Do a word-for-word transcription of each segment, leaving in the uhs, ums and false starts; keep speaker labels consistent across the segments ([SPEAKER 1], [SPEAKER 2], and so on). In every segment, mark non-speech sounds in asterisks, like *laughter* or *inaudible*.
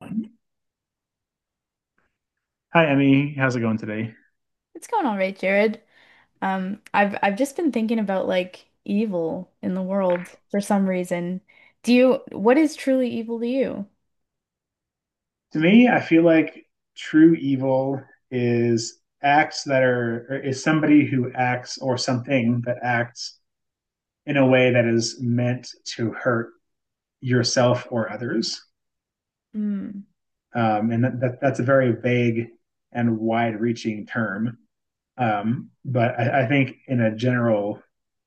[SPEAKER 1] Hi, Emmy. How's it going today?
[SPEAKER 2] It's going all right, Jared. Um, I've I've just been thinking about like evil in the world for some reason. Do you, what is truly evil to you?
[SPEAKER 1] To me, I feel like true evil is acts that are, or is somebody who acts or something that acts in a way that is meant to hurt yourself or others.
[SPEAKER 2] Hmm.
[SPEAKER 1] Um, and that, that, that's a very vague and wide reaching term. Um, but I, I think in a general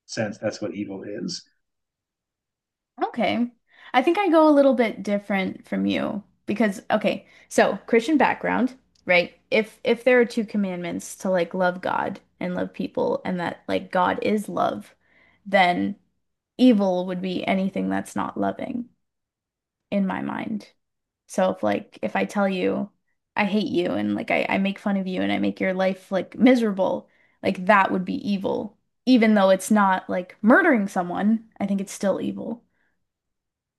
[SPEAKER 1] sense, that's what evil is.
[SPEAKER 2] Okay. I think I go a little bit different from you because okay, so Christian background, right? If if there are two commandments to like love God and love people and that like God is love, then evil would be anything that's not loving, in my mind. So if like if I tell you I hate you and like I, I make fun of you and I make your life like miserable, like that would be evil. Even though it's not like murdering someone, I think it's still evil.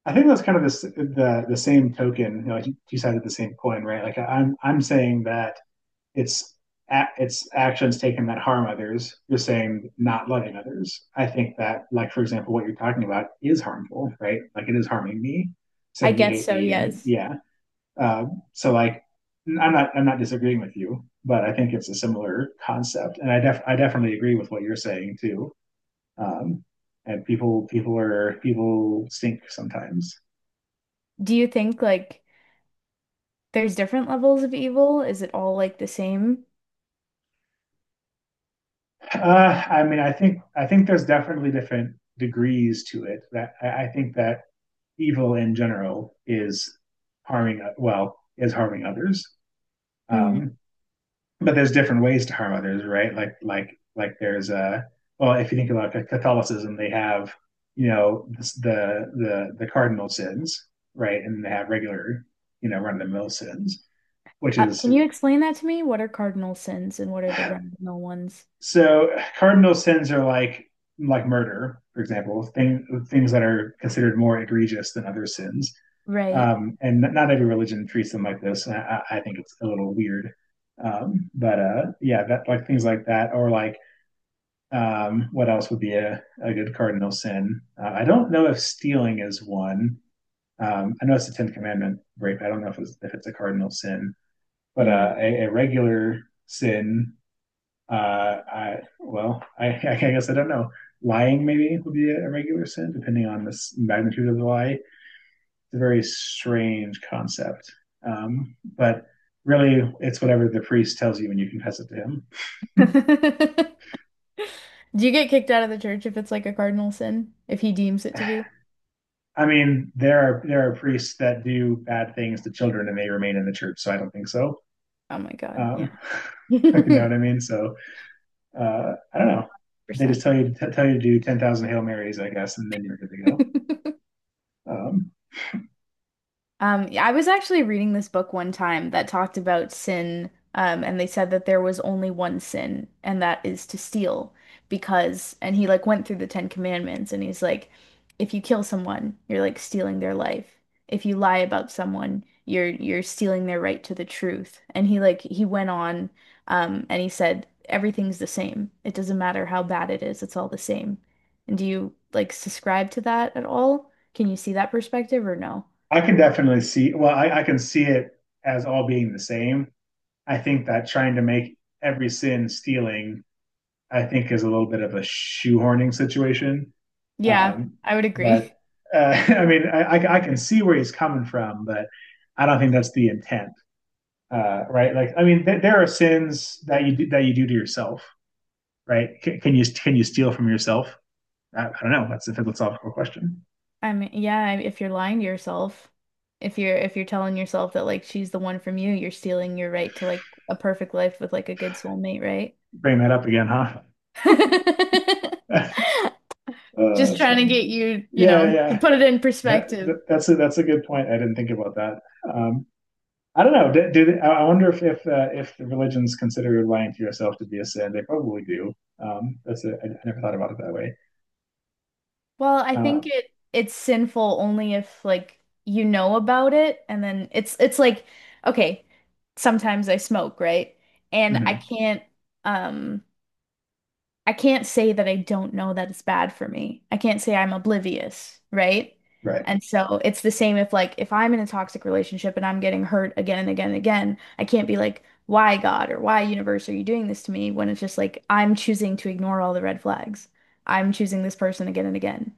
[SPEAKER 1] I think that's kind of the the, the same token, you know, like you cited the same coin, right? Like I'm I'm saying that it's it's actions taken that harm others. You're saying not loving others. I think that, like for example, what you're talking about is harmful, right? Like it is harming me,
[SPEAKER 2] I
[SPEAKER 1] saying you
[SPEAKER 2] guess
[SPEAKER 1] hate
[SPEAKER 2] so,
[SPEAKER 1] me, and
[SPEAKER 2] yes.
[SPEAKER 1] yeah. Um, so like, I'm not I'm not disagreeing with you, but I think it's a similar concept, and I def I definitely agree with what you're saying too. Um, and people people are people stink sometimes.
[SPEAKER 2] Do you think like there's different levels of evil? Is it all like the same?
[SPEAKER 1] Uh, I mean, I think I think there's definitely different degrees to it. That I, I think that evil in general is harming well is harming others,
[SPEAKER 2] Mm.
[SPEAKER 1] um but there's different ways to harm others, right? Like like like there's a well, if you think about Catholicism, they have, you know, the the the cardinal sins, right? And they have regular, you know, run-of-the-mill sins, which
[SPEAKER 2] Uh,
[SPEAKER 1] is.
[SPEAKER 2] can you explain that to me? What are cardinal sins and what are the remnal ones?
[SPEAKER 1] So cardinal sins are like like murder, for example, thing, things that are considered more egregious than other sins.
[SPEAKER 2] Right.
[SPEAKER 1] Um, and not every religion treats them like this. I, I think it's a little weird. Um, but uh, yeah, that like things like that, or like, um, what else would be a, a good cardinal sin? Uh, I don't know if stealing is one. Um, I know it's a Ten Commandment break. I don't know if it's, if it's a cardinal sin, but uh,
[SPEAKER 2] Hmm.
[SPEAKER 1] a, a regular sin. uh, I well, I, *laughs* I guess I don't know. Lying maybe would be a, regular sin, depending on the magnitude of the lie. It's a very strange concept, um, but really, it's whatever the priest tells you when you confess it to him.
[SPEAKER 2] *laughs* Do you get kicked out of the church if it's like a cardinal sin? If he deems it to be?
[SPEAKER 1] I mean, there are there are priests that do bad things to children and they remain in the church, so I don't think so.
[SPEAKER 2] Oh my God,
[SPEAKER 1] Um,
[SPEAKER 2] yeah. *laughs* one
[SPEAKER 1] *laughs* you know what
[SPEAKER 2] hundred
[SPEAKER 1] I mean? So uh, I don't know. They just
[SPEAKER 2] Percent.
[SPEAKER 1] tell you t- tell you to do ten thousand Hail Marys, I guess, and then you're good to go.
[SPEAKER 2] *laughs*
[SPEAKER 1] Um,
[SPEAKER 2] Um, yeah, I was actually reading this book one time that talked about sin, um, and they said that there was only one sin, and that is to steal, because, and he like went through the Ten Commandments, and he's like, if you kill someone, you're like stealing their life. If you lie about someone, you're you're stealing their right to the truth. And he like he went on, um, and he said everything's the same. It doesn't matter how bad it is, it's all the same. And do you like subscribe to that at all? Can you see that perspective or no?
[SPEAKER 1] I can definitely see. Well, I, I can see it as all being the same. I think that trying to make every sin stealing, I think, is a little bit of a shoehorning situation.
[SPEAKER 2] Yeah,
[SPEAKER 1] Um,
[SPEAKER 2] I would agree.
[SPEAKER 1] but
[SPEAKER 2] *laughs*
[SPEAKER 1] uh, *laughs* I mean, I, I, I can see where he's coming from, but I don't think that's the intent, uh, right? Like, I mean, th- there are sins that you do, that you do to yourself, right? C- can you can you steal from yourself? I, I don't know. That's a philosophical question.
[SPEAKER 2] I mean, yeah, if you're lying to yourself, if you're if you're telling yourself that like she's the one from you, you're stealing your right to like a perfect life with like a good soulmate, right?
[SPEAKER 1] Bring that up again, huh?
[SPEAKER 2] *laughs*
[SPEAKER 1] *laughs* Uh,
[SPEAKER 2] Just
[SPEAKER 1] that's
[SPEAKER 2] trying to
[SPEAKER 1] funny.
[SPEAKER 2] get you, you
[SPEAKER 1] Yeah,
[SPEAKER 2] know, to
[SPEAKER 1] yeah.
[SPEAKER 2] put it in
[SPEAKER 1] That,
[SPEAKER 2] perspective.
[SPEAKER 1] that that's a that's a good point. I didn't think about that. Um, I don't know. Do, do they, I wonder if if uh, if the religions consider lying to yourself to be a sin? They probably do. Um, that's a, I, I never thought about it that way.
[SPEAKER 2] Well, I
[SPEAKER 1] Uh,
[SPEAKER 2] think it it's sinful only if like you know about it and then it's it's like okay, sometimes I smoke, right? And I
[SPEAKER 1] mhm.
[SPEAKER 2] can't um I can't say that I don't know that it's bad for me. I can't say I'm oblivious, right?
[SPEAKER 1] Right.
[SPEAKER 2] And so it's the same if like if I'm in a toxic relationship and I'm getting hurt again and again and again, I can't be like, why God or why universe are you doing this to me? When it's just like I'm choosing to ignore all the red flags. I'm choosing this person again and again.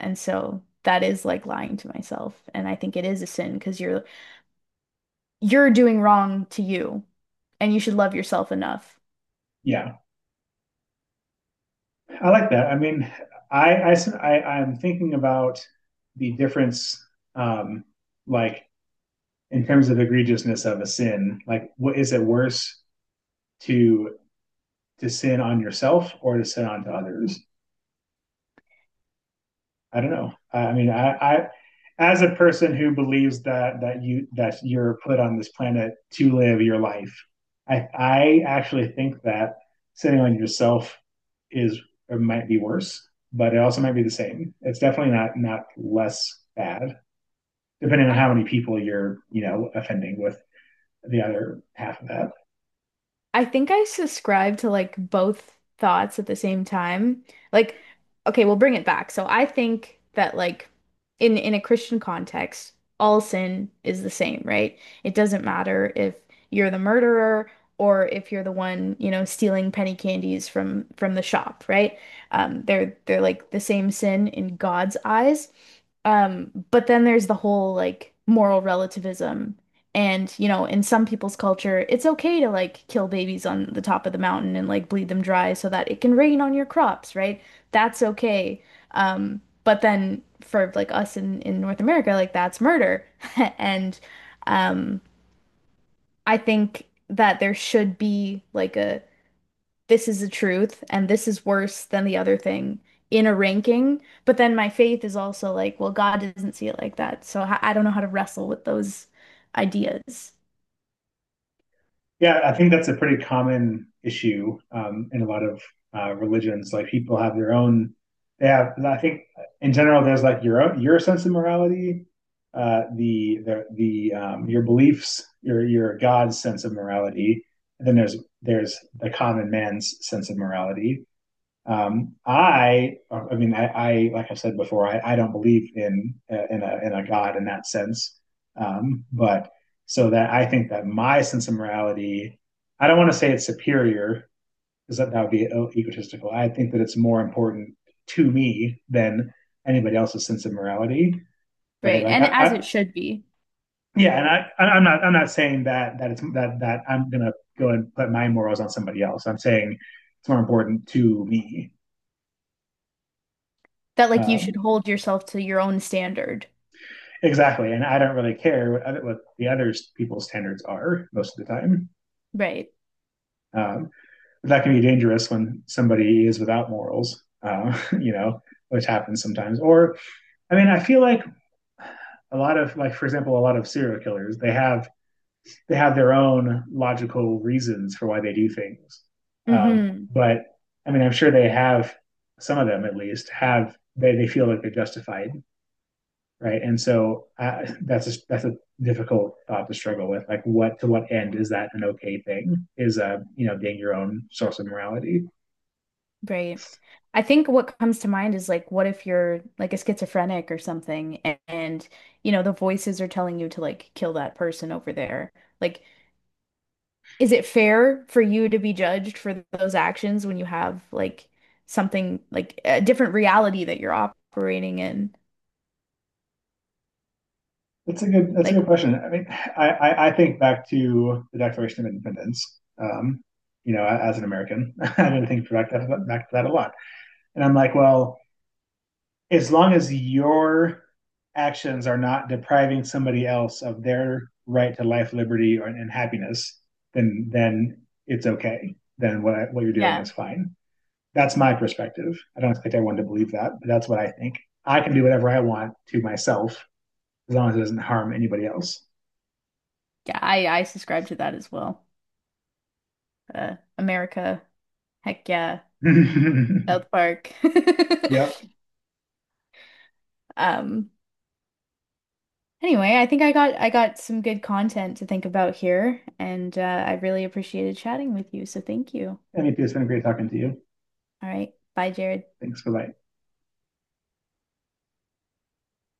[SPEAKER 2] And so that is like lying to myself. And I think it is a sin because you're you're doing wrong to you and you should love yourself enough.
[SPEAKER 1] Yeah, I like that. I mean, I I i am thinking about the difference, um, like in terms of egregiousness of a sin. Like, what is it worse to to sin on yourself or to sin onto others? I don't know. I mean, I, I as a person who believes that that you that you're put on this planet to live your life, I I actually think that sitting on yourself is, it might be worse, but it also might be the same. It's definitely not not less bad, depending on
[SPEAKER 2] I
[SPEAKER 1] how many people you're, you know, offending with the other half of that.
[SPEAKER 2] I think I subscribe to like both thoughts at the same time. Like, okay, we'll bring it back. So I think that like in in a Christian context, all sin is the same, right? It doesn't matter if you're the murderer or if you're the one, you know, stealing penny candies from from the shop, right? Um, they're they're like the same sin in God's eyes. Um, but then there's the whole like moral relativism and, you know, in some people's culture, it's okay to like kill babies on the top of the mountain and like bleed them dry so that it can rain on your crops, right? That's okay. Um, but then for like us in, in North America, like that's murder. *laughs* And um, I think that there should be like a this is the truth and this is worse than the other thing in a ranking. But then my faith is also like, well, God doesn't see it like that. So I I don't know how to wrestle with those ideas.
[SPEAKER 1] Yeah, I think that's a pretty common issue, um, in a lot of uh, religions. Like people have their own. They have. I think in general, there's like your own, your sense of morality, uh, the the the um, your beliefs, your your God's sense of morality. And then there's there's the common man's sense of morality. Um, I, I mean, I, I, like I said before, I, I don't believe in uh, in a in a God in that sense. Um, but so that I think that my sense of morality, I don't want to say it's superior because that, that would be e-, egotistical. I think that it's more important to me than anybody else's sense of morality, right?
[SPEAKER 2] Right.
[SPEAKER 1] Like
[SPEAKER 2] And
[SPEAKER 1] I,
[SPEAKER 2] as
[SPEAKER 1] I
[SPEAKER 2] it should be,
[SPEAKER 1] yeah, and I, I- am not, I'm not saying that that it's that that I'm gonna go and put my morals on somebody else. I'm saying it's more important to me.
[SPEAKER 2] that like you should
[SPEAKER 1] Um,
[SPEAKER 2] hold yourself to your own standard.
[SPEAKER 1] Exactly. And I don't really care what, other, what the other people's standards are most of the time.
[SPEAKER 2] Right.
[SPEAKER 1] Um, but that can be dangerous when somebody is without morals, uh, *laughs* you know, which happens sometimes. Or, I mean, I feel like a lot of, like, for example, a lot of serial killers, they have, they have their own logical reasons for why they do things. Um,
[SPEAKER 2] hmm
[SPEAKER 1] but I mean, I'm sure they have, some of them at least have, they, they feel like they're justified, right? And so uh, that's a, that's a difficult thought to struggle with. Like, what to what end is that an okay thing? Is uh, you know, being your own source of morality?
[SPEAKER 2] Right. I think what comes to mind is like, what if you're like a schizophrenic or something and, and you know, the voices are telling you to like kill that person over there? Like, is it fair for you to be judged for those actions when you have like something like a different reality that you're operating in?
[SPEAKER 1] That's a good. That's a
[SPEAKER 2] Like,
[SPEAKER 1] good question. I mean, I I, I think back to the Declaration of Independence. Um, you know, as an American, *laughs* I didn't think back to, that, back to that a lot. And I'm like, well, as long as your actions are not depriving somebody else of their right to life, liberty, or, and happiness, then then it's okay. Then what what you're doing
[SPEAKER 2] yeah,
[SPEAKER 1] is fine. That's my perspective. I don't expect everyone to believe that, but that's what I think. I can do whatever I want to myself as long as it doesn't harm anybody else.
[SPEAKER 2] yeah, I I subscribe to that as well. Uh, America, heck yeah.
[SPEAKER 1] *laughs* Yep.
[SPEAKER 2] South Park. *laughs*
[SPEAKER 1] M E P,
[SPEAKER 2] Um, anyway, I think I got I got some good content to think about here, and uh, I really appreciated chatting with you, so thank you.
[SPEAKER 1] it's been great talking to you.
[SPEAKER 2] All right, bye, Jared.
[SPEAKER 1] Thanks for that.